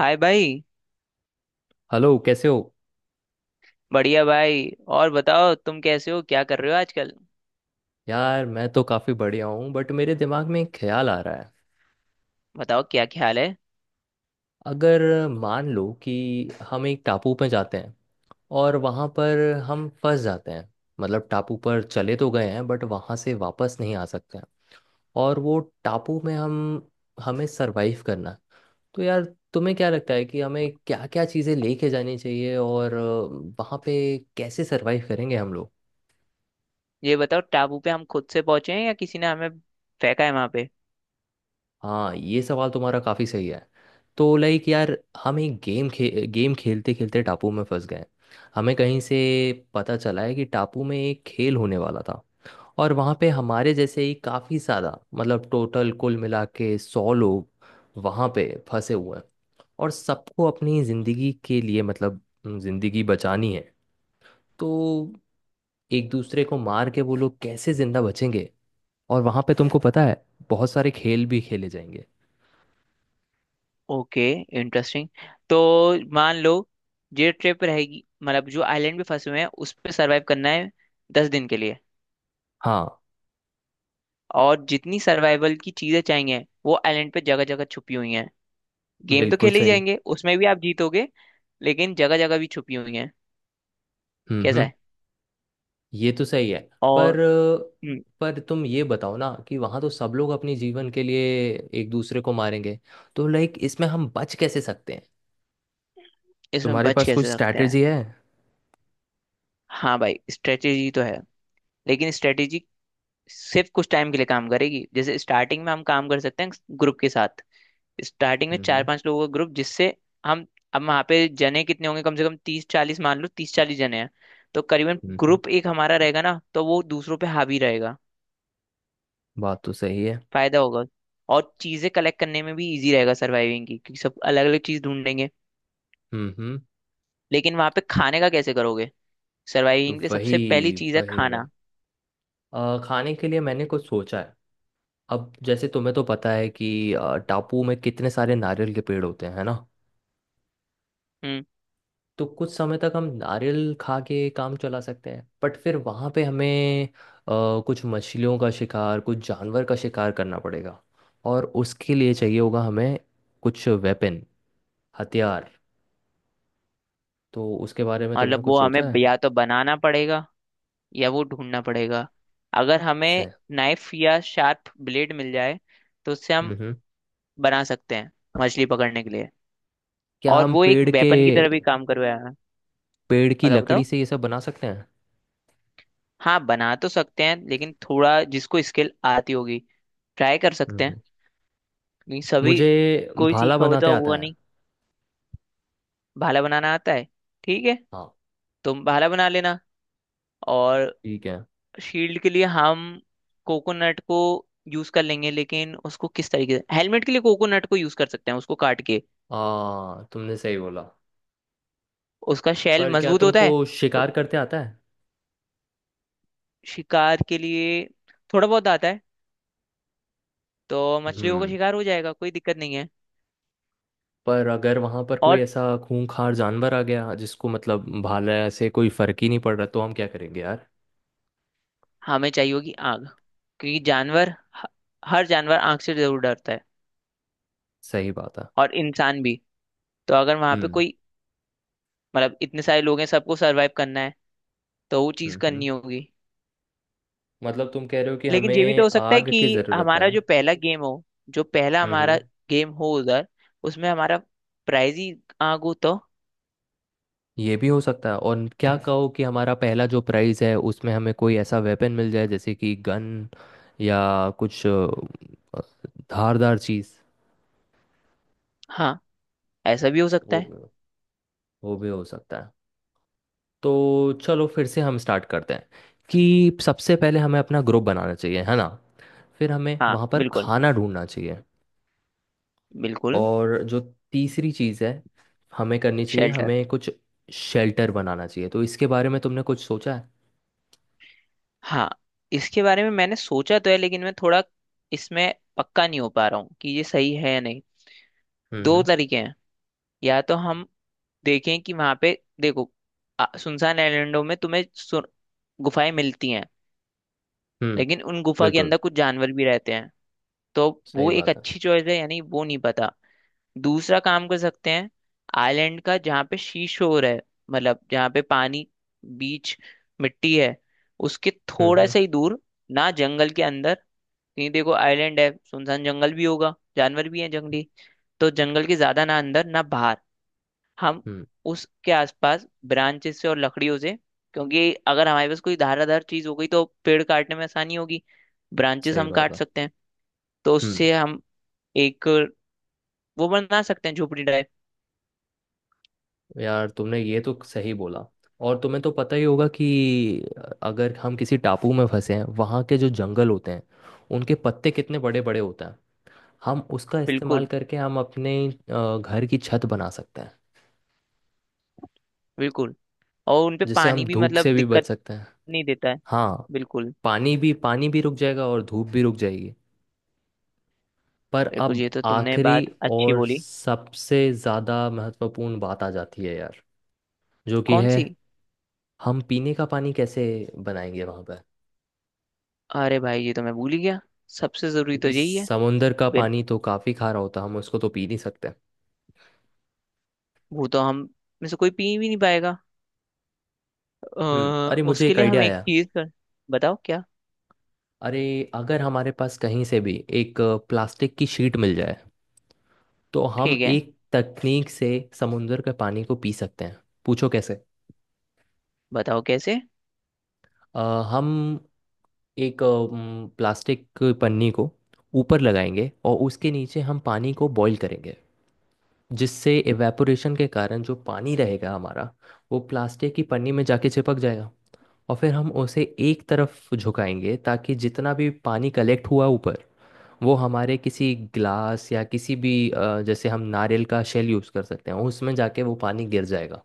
हाय भाई। हेलो, कैसे हो? बढ़िया भाई। और बताओ तुम कैसे हो, क्या कर रहे हो आजकल? यार मैं तो काफ़ी बढ़िया हूँ बट मेरे दिमाग में एक ख्याल आ रहा है। बताओ क्या ख्याल है। अगर मान लो कि हम एक टापू पे जाते हैं और वहाँ पर हम फंस जाते हैं। मतलब टापू पर चले तो गए हैं बट वहाँ से वापस नहीं आ सकते हैं। और वो टापू में हम हमें सरवाइव करना है। तो यार, तुम्हें क्या लगता है कि हमें क्या क्या चीज़ें लेके जानी चाहिए और वहाँ पे कैसे सरवाइव करेंगे हम लोग? ये बताओ टापू पे हम खुद से पहुंचे हैं या किसी ने हमें फेंका है वहां पे? हाँ, ये सवाल तुम्हारा काफी सही है। तो लाइक यार, हम एक गेम खेलते खेलते टापू में फंस गए। हमें कहीं से पता चला है कि टापू में एक खेल होने वाला था। और वहाँ पे हमारे जैसे ही काफी ज्यादा, मतलब टोटल कुल मिला के सौ लोग वहाँ पे फंसे हुए हैं। और सबको अपनी जिंदगी के लिए, मतलब जिंदगी बचानी है। तो एक दूसरे को मार के वो लोग कैसे जिंदा बचेंगे? और वहाँ पे तुमको पता है, बहुत सारे खेल भी खेले जाएंगे। Okay, interesting. तो मान लो ये ट्रिप रहेगी, मतलब जो आइलैंड पे फंसे हुए हैं उस पे सरवाइव करना है 10 दिन के लिए। हाँ, और जितनी सर्वाइवल की चीजें चाहिए वो आइलैंड पे जगह जगह छुपी हुई हैं। गेम तो बिल्कुल खेले ही सही। जाएंगे, उसमें भी आप जीतोगे। लेकिन जगह जगह भी छुपी हुई हैं। कैसा हम्म। है। ये तो सही है। और पर हम्म, पर तुम ये बताओ ना कि वहां तो सब लोग अपनी जीवन के लिए एक दूसरे को मारेंगे। तो लाइक, इसमें हम बच कैसे सकते हैं? इसमें तुम्हारे बच पास कुछ कैसे सकते हैं? स्ट्रैटेजी है? हाँ भाई, स्ट्रेटेजी तो है। लेकिन स्ट्रेटेजी सिर्फ कुछ टाइम के लिए काम करेगी, जैसे स्टार्टिंग में हम काम कर सकते हैं ग्रुप के साथ। स्टार्टिंग में चार हम्म पांच लोगों का ग्रुप जिससे हम, अब वहाँ पे जने कितने होंगे, कम से कम 30 40, मान लो 30 40 जने हैं, तो करीबन हम्म। ग्रुप एक हमारा रहेगा ना, तो वो दूसरों पे हावी रहेगा। बात तो सही है। फायदा होगा। और चीजें कलेक्ट करने में भी इजी रहेगा सर्वाइविंग की, क्योंकि सब अलग अलग चीज ढूंढ लेंगे। हम्म। लेकिन वहाँ पे खाने का कैसे करोगे? तो सर्वाइविंग के लिए सबसे पहली वही चीज है वही वही खाना। खाने के लिए मैंने कुछ सोचा है। अब जैसे तुम्हें तो पता है कि टापू में कितने सारे नारियल के पेड़ होते हैं, है ना? हम्म। तो कुछ समय तक हम नारियल खा के काम चला सकते हैं बट फिर वहाँ पे हमें कुछ मछलियों का शिकार, कुछ जानवर का शिकार करना पड़ेगा। और उसके लिए चाहिए होगा हमें कुछ वेपन, हथियार। तो उसके बारे में तुमने मतलब कुछ वो हमें सोचा है? या तो बनाना पड़ेगा, या वो ढूंढना पड़ेगा। अगर हमें से नाइफ या शार्प ब्लेड मिल जाए तो उससे हम हम्म। बना सकते हैं, मछली पकड़ने के लिए। क्या और हम वो एक वेपन की तरह भी काम करवाया। पेड़ की पता लकड़ी बताओ। से ये सब बना सकते हैं? हाँ बना तो सकते हैं, लेकिन थोड़ा जिसको स्किल आती होगी ट्राई कर सकते हैं। हम्म। नहीं, सभी मुझे कोई भाला सीखा होता बनाते आता होगा है। नहीं। भाला बनाना आता है? ठीक है, हाँ, तुम भाला बना लेना। और ठीक है। शील्ड के लिए हम कोकोनट को यूज कर लेंगे, लेकिन उसको किस तरीके से, हेलमेट के लिए कोकोनट को यूज कर सकते हैं उसको काट के। आ तुमने सही बोला। उसका शेल पर क्या मजबूत होता तुमको है। तो शिकार करते आता है? शिकार के लिए थोड़ा बहुत आता है, तो मछलियों का हम्म। शिकार हो जाएगा, कोई दिक्कत नहीं है। पर अगर वहां पर कोई और ऐसा खूंखार जानवर आ गया जिसको मतलब भाला से कोई फर्क ही नहीं पड़ रहा, तो हम क्या करेंगे यार? हमें चाहिए होगी आग, क्योंकि जानवर, ह- हर जानवर आग से जरूर डरता है। सही बात है। और इंसान भी। तो अगर वहां पे हम्म कोई, मतलब इतने सारे लोग हैं, सबको सरवाइव करना है तो वो चीज हम्म। करनी होगी। मतलब तुम कह रहे हो कि लेकिन ये भी तो हमें हो सकता है आग कि की जरूरत है? हमारा जो पहला गेम हो, जो पहला हमारा हम्म गेम हो उधर, उसमें हमारा प्राइज ही आग हो तो? ये भी हो सकता है, और क्या कहो कि हमारा पहला जो प्राइज है उसमें हमें कोई ऐसा वेपन मिल जाए जैसे कि गन या कुछ धारदार चीज। हाँ, ऐसा भी हो सकता वो है। भी वो भी हो सकता है। तो चलो, फिर से हम स्टार्ट करते हैं कि सबसे पहले हमें अपना ग्रुप बनाना चाहिए, है ना? फिर हमें हाँ वहाँ पर बिल्कुल, खाना ढूंढना चाहिए। बिल्कुल। और जो तीसरी चीज़ है हमें करनी चाहिए, शेल्टर। हमें कुछ शेल्टर बनाना चाहिए। तो इसके बारे में तुमने कुछ सोचा है? हाँ, इसके बारे में मैंने सोचा तो है, लेकिन मैं थोड़ा इसमें पक्का नहीं हो पा रहा हूँ कि ये सही है या नहीं। दो हम्म। तरीके हैं। या तो हम देखें कि वहां पे, देखो, सुनसान आइलैंडों में तुम्हें, गुफाएं मिलती हैं। हम्म, लेकिन उन गुफा के बिल्कुल अंदर कुछ जानवर भी रहते हैं, तो सही वो एक बात है। अच्छी चॉइस है यानी, वो नहीं पता। दूसरा काम कर सकते हैं, आइलैंड का जहाँ पे सी शोर है, मतलब जहाँ पे पानी, बीच, मिट्टी है, उसके थोड़ा हम्म। सा ही दूर ना, जंगल के अंदर कहीं, देखो आइलैंड है सुनसान, जंगल भी होगा, जानवर भी हैं जंगली। तो जंगल के ज्यादा ना अंदर ना बाहर, हम हम्म उसके आसपास, ब्रांचेस से और लकड़ियों से, क्योंकि अगर हमारे पास कोई धाराधार चीज हो गई तो पेड़ काटने में आसानी होगी। ब्रांचेस सही हम बात काट है। सकते हैं। तो हम्म उससे हम एक वो बना सकते हैं, झोपड़ी टाइप। यार, तुमने ये तो सही बोला। और तुम्हें तो पता ही होगा कि अगर हम किसी टापू में फंसे हैं, वहाँ के जो जंगल होते हैं, उनके पत्ते कितने बड़े बड़े होते हैं। हम उसका इस्तेमाल बिल्कुल, करके हम अपने घर की छत बना सकते हैं, बिल्कुल। और उनपे जिससे हम पानी भी, धूप से मतलब भी बच दिक्कत सकते हैं। नहीं देता है। हाँ, बिल्कुल। पानी भी रुक जाएगा और धूप भी रुक जाएगी। पर देखो अब ये तो तुमने आखिरी बात अच्छी और बोली। सबसे ज़्यादा महत्वपूर्ण बात आ जाती है यार, जो कि कौन है, सी? हम पीने का पानी कैसे बनाएंगे वहाँ पर? अरे भाई, ये तो मैं भूल ही गया, सबसे जरूरी तो क्योंकि यही है। समुंदर का बिन पानी तो काफ़ी खारा होता है, हम उसको तो पी नहीं सकते। वो तो हम में से कोई पी भी नहीं पाएगा। अ, अरे, मुझे उसके एक लिए आइडिया हम एक आया। चीज कर, बताओ क्या? अरे, अगर हमारे पास कहीं से भी एक प्लास्टिक की शीट मिल जाए तो हम ठीक है। एक तकनीक से समुंदर के पानी को पी सकते हैं। पूछो कैसे? बताओ कैसे। अ, हम एक प्लास्टिक की पन्नी को ऊपर लगाएंगे और उसके नीचे हम पानी को बॉईल करेंगे। जिससे एवेपोरेशन के कारण जो पानी रहेगा हमारा, वो प्लास्टिक की पन्नी में जाके चिपक जाएगा। और फिर हम उसे एक तरफ झुकाएंगे ताकि जितना भी पानी कलेक्ट हुआ ऊपर, वो हमारे किसी ग्लास या किसी भी, जैसे हम नारियल का शेल यूज़ कर सकते हैं, उसमें जाके वो पानी गिर जाएगा।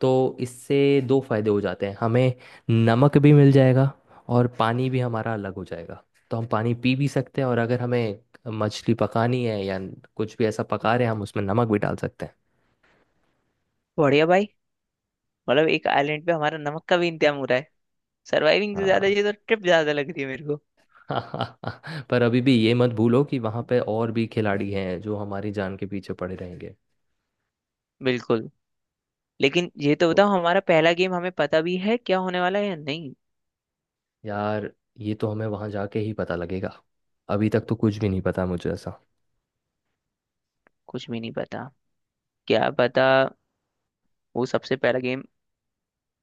तो इससे दो फायदे हो जाते हैं हमें, नमक भी मिल जाएगा और पानी भी हमारा अलग हो जाएगा। तो हम पानी पी भी सकते हैं, और अगर हमें मछली पकानी है या कुछ भी ऐसा पका रहे हैं, हम उसमें नमक भी डाल सकते हैं। बढ़िया भाई, मतलब एक आइलैंड पे हमारा नमक का भी इंतजाम हो रहा है। सर्वाइविंग से ज्यादा हाँ। ये तो ट्रिप ज्यादा लग रही है मेरे को। पर अभी भी ये मत भूलो कि वहाँ पे और भी खिलाड़ी हैं जो हमारी जान के पीछे पड़े रहेंगे। बिल्कुल। लेकिन ये तो तो बताओ, हमारा पहला गेम हमें पता भी है क्या होने वाला है या नहीं? यार, ये तो हमें वहाँ जाके ही पता लगेगा। अभी तक तो कुछ भी नहीं पता मुझे ऐसा। कुछ भी नहीं पता। क्या पता, वो सबसे पहला गेम,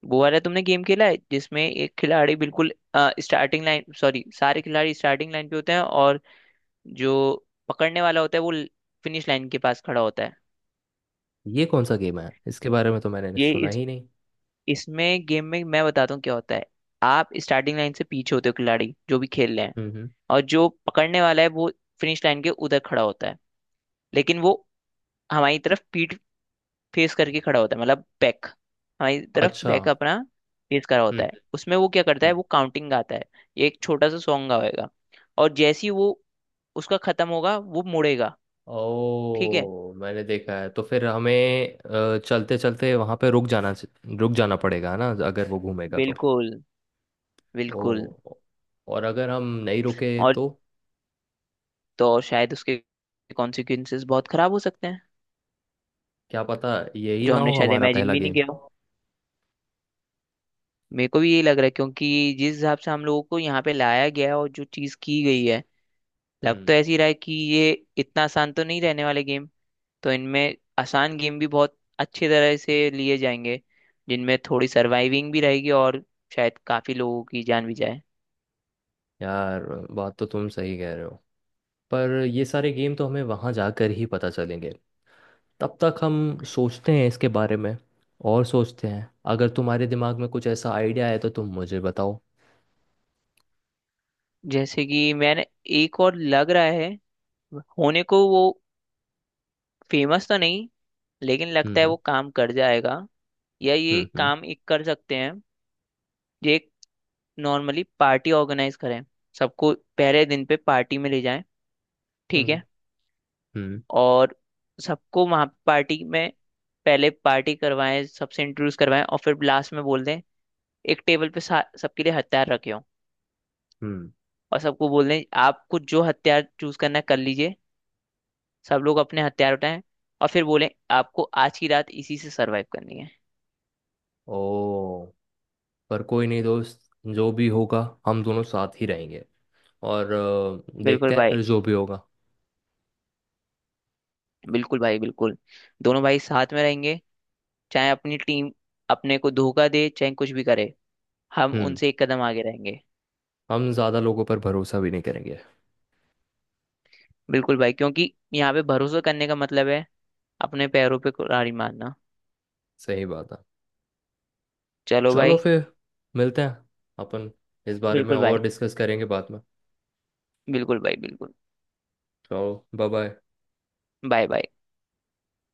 वो वाला तुमने गेम खेला है जिसमें एक खिलाड़ी बिल्कुल स्टार्टिंग लाइन, सॉरी, सारे खिलाड़ी स्टार्टिंग लाइन पे होते हैं, और जो पकड़ने वाला होता है वो फिनिश लाइन के पास खड़ा होता है। ये कौन सा गेम है, इसके बारे में तो मैंने ये सुना इस ही नहीं। इसमें गेम में मैं बताता हूँ क्या होता है। आप स्टार्टिंग लाइन से पीछे होते हो, खिलाड़ी जो भी खेल रहे हैं। हम्म हम्म। और जो पकड़ने वाला है वो फिनिश लाइन के उधर खड़ा होता है, लेकिन वो हमारी तरफ पीठ फेस करके खड़ा होता है, मतलब बैक हमारी तरफ, अच्छा। बैक अपना फेस करा होता है। उसमें वो क्या करता है, हम्म। वो काउंटिंग गाता है, ये एक छोटा सा सॉन्ग गाएगा। और जैसे ही वो, उसका खत्म होगा वो मुड़ेगा। ठीक है। ओ, मैंने देखा है। तो फिर हमें चलते चलते वहां पे रुक जाना पड़ेगा, है ना, अगर वो घूमेगा तो? बिल्कुल, बिल्कुल। ओ, और अगर हम नहीं रुके और तो? तो और, शायद उसके कॉन्सिक्वेंसेस बहुत खराब हो सकते हैं, क्या पता, यही जो ना हो हमने शायद हमारा इमेजिन पहला भी नहीं गेम। किया हो। मेरे को भी ये लग रहा है, क्योंकि जिस हिसाब से हम लोगों को यहाँ पे लाया गया है और जो चीज की गई है, लग तो हम्म ऐसी रहा है कि ये इतना आसान तो नहीं रहने वाले गेम। तो इनमें आसान गेम भी बहुत अच्छी तरह से लिए जाएंगे, जिनमें थोड़ी सर्वाइविंग भी रहेगी, और शायद काफी लोगों की जान भी जाए। यार, बात तो तुम सही कह रहे हो। पर ये सारे गेम तो हमें वहां जाकर ही पता चलेंगे। तब तक हम सोचते हैं इसके बारे में और सोचते हैं। अगर तुम्हारे दिमाग में कुछ ऐसा आइडिया है तो तुम मुझे बताओ। जैसे कि मैंने, एक और लग रहा है, होने को वो फेमस तो नहीं लेकिन लगता है हम्म वो काम कर जाएगा, या ये हम्म। काम एक कर सकते हैं। ये एक, नॉर्मली पार्टी ऑर्गेनाइज करें, सबको पहले दिन पे पार्टी में ले जाएं। हम्म। ठीक है। हम्म। और सबको वहाँ पार्टी में, पहले पार्टी करवाएं, सबसे इंट्रोड्यूस करवाएं, और फिर लास्ट में बोल दें, एक टेबल पे सबके लिए हथियार रखे हों, हम्म, और सबको बोल दें आपको जो हथियार चूज करना है कर लीजिए। सब लोग अपने हथियार उठाएं, और फिर बोलें आपको आज की रात इसी से सरवाइव करनी है। ओ, पर कोई नहीं दोस्त। जो भी होगा, हम दोनों साथ ही रहेंगे। और बिल्कुल देखते हैं भाई। फिर जो भी होगा। बिल्कुल भाई, बिल्कुल। दोनों भाई साथ में रहेंगे, चाहे अपनी टीम अपने को धोखा दे, चाहे कुछ भी करे, हम हम्म उनसे एक कदम आगे रहेंगे। हम ज़्यादा लोगों पर भरोसा भी नहीं करेंगे। बिल्कुल भाई, क्योंकि यहाँ पे भरोसा करने का मतलब है अपने पैरों पे कुल्हाड़ी मारना। सही बात है। चलो चलो भाई। फिर, मिलते हैं अपन। इस बारे में बिल्कुल भाई, और डिस्कस करेंगे बाद में। बिल्कुल भाई, बिल्कुल। चलो, बाय बाय। Bye bye.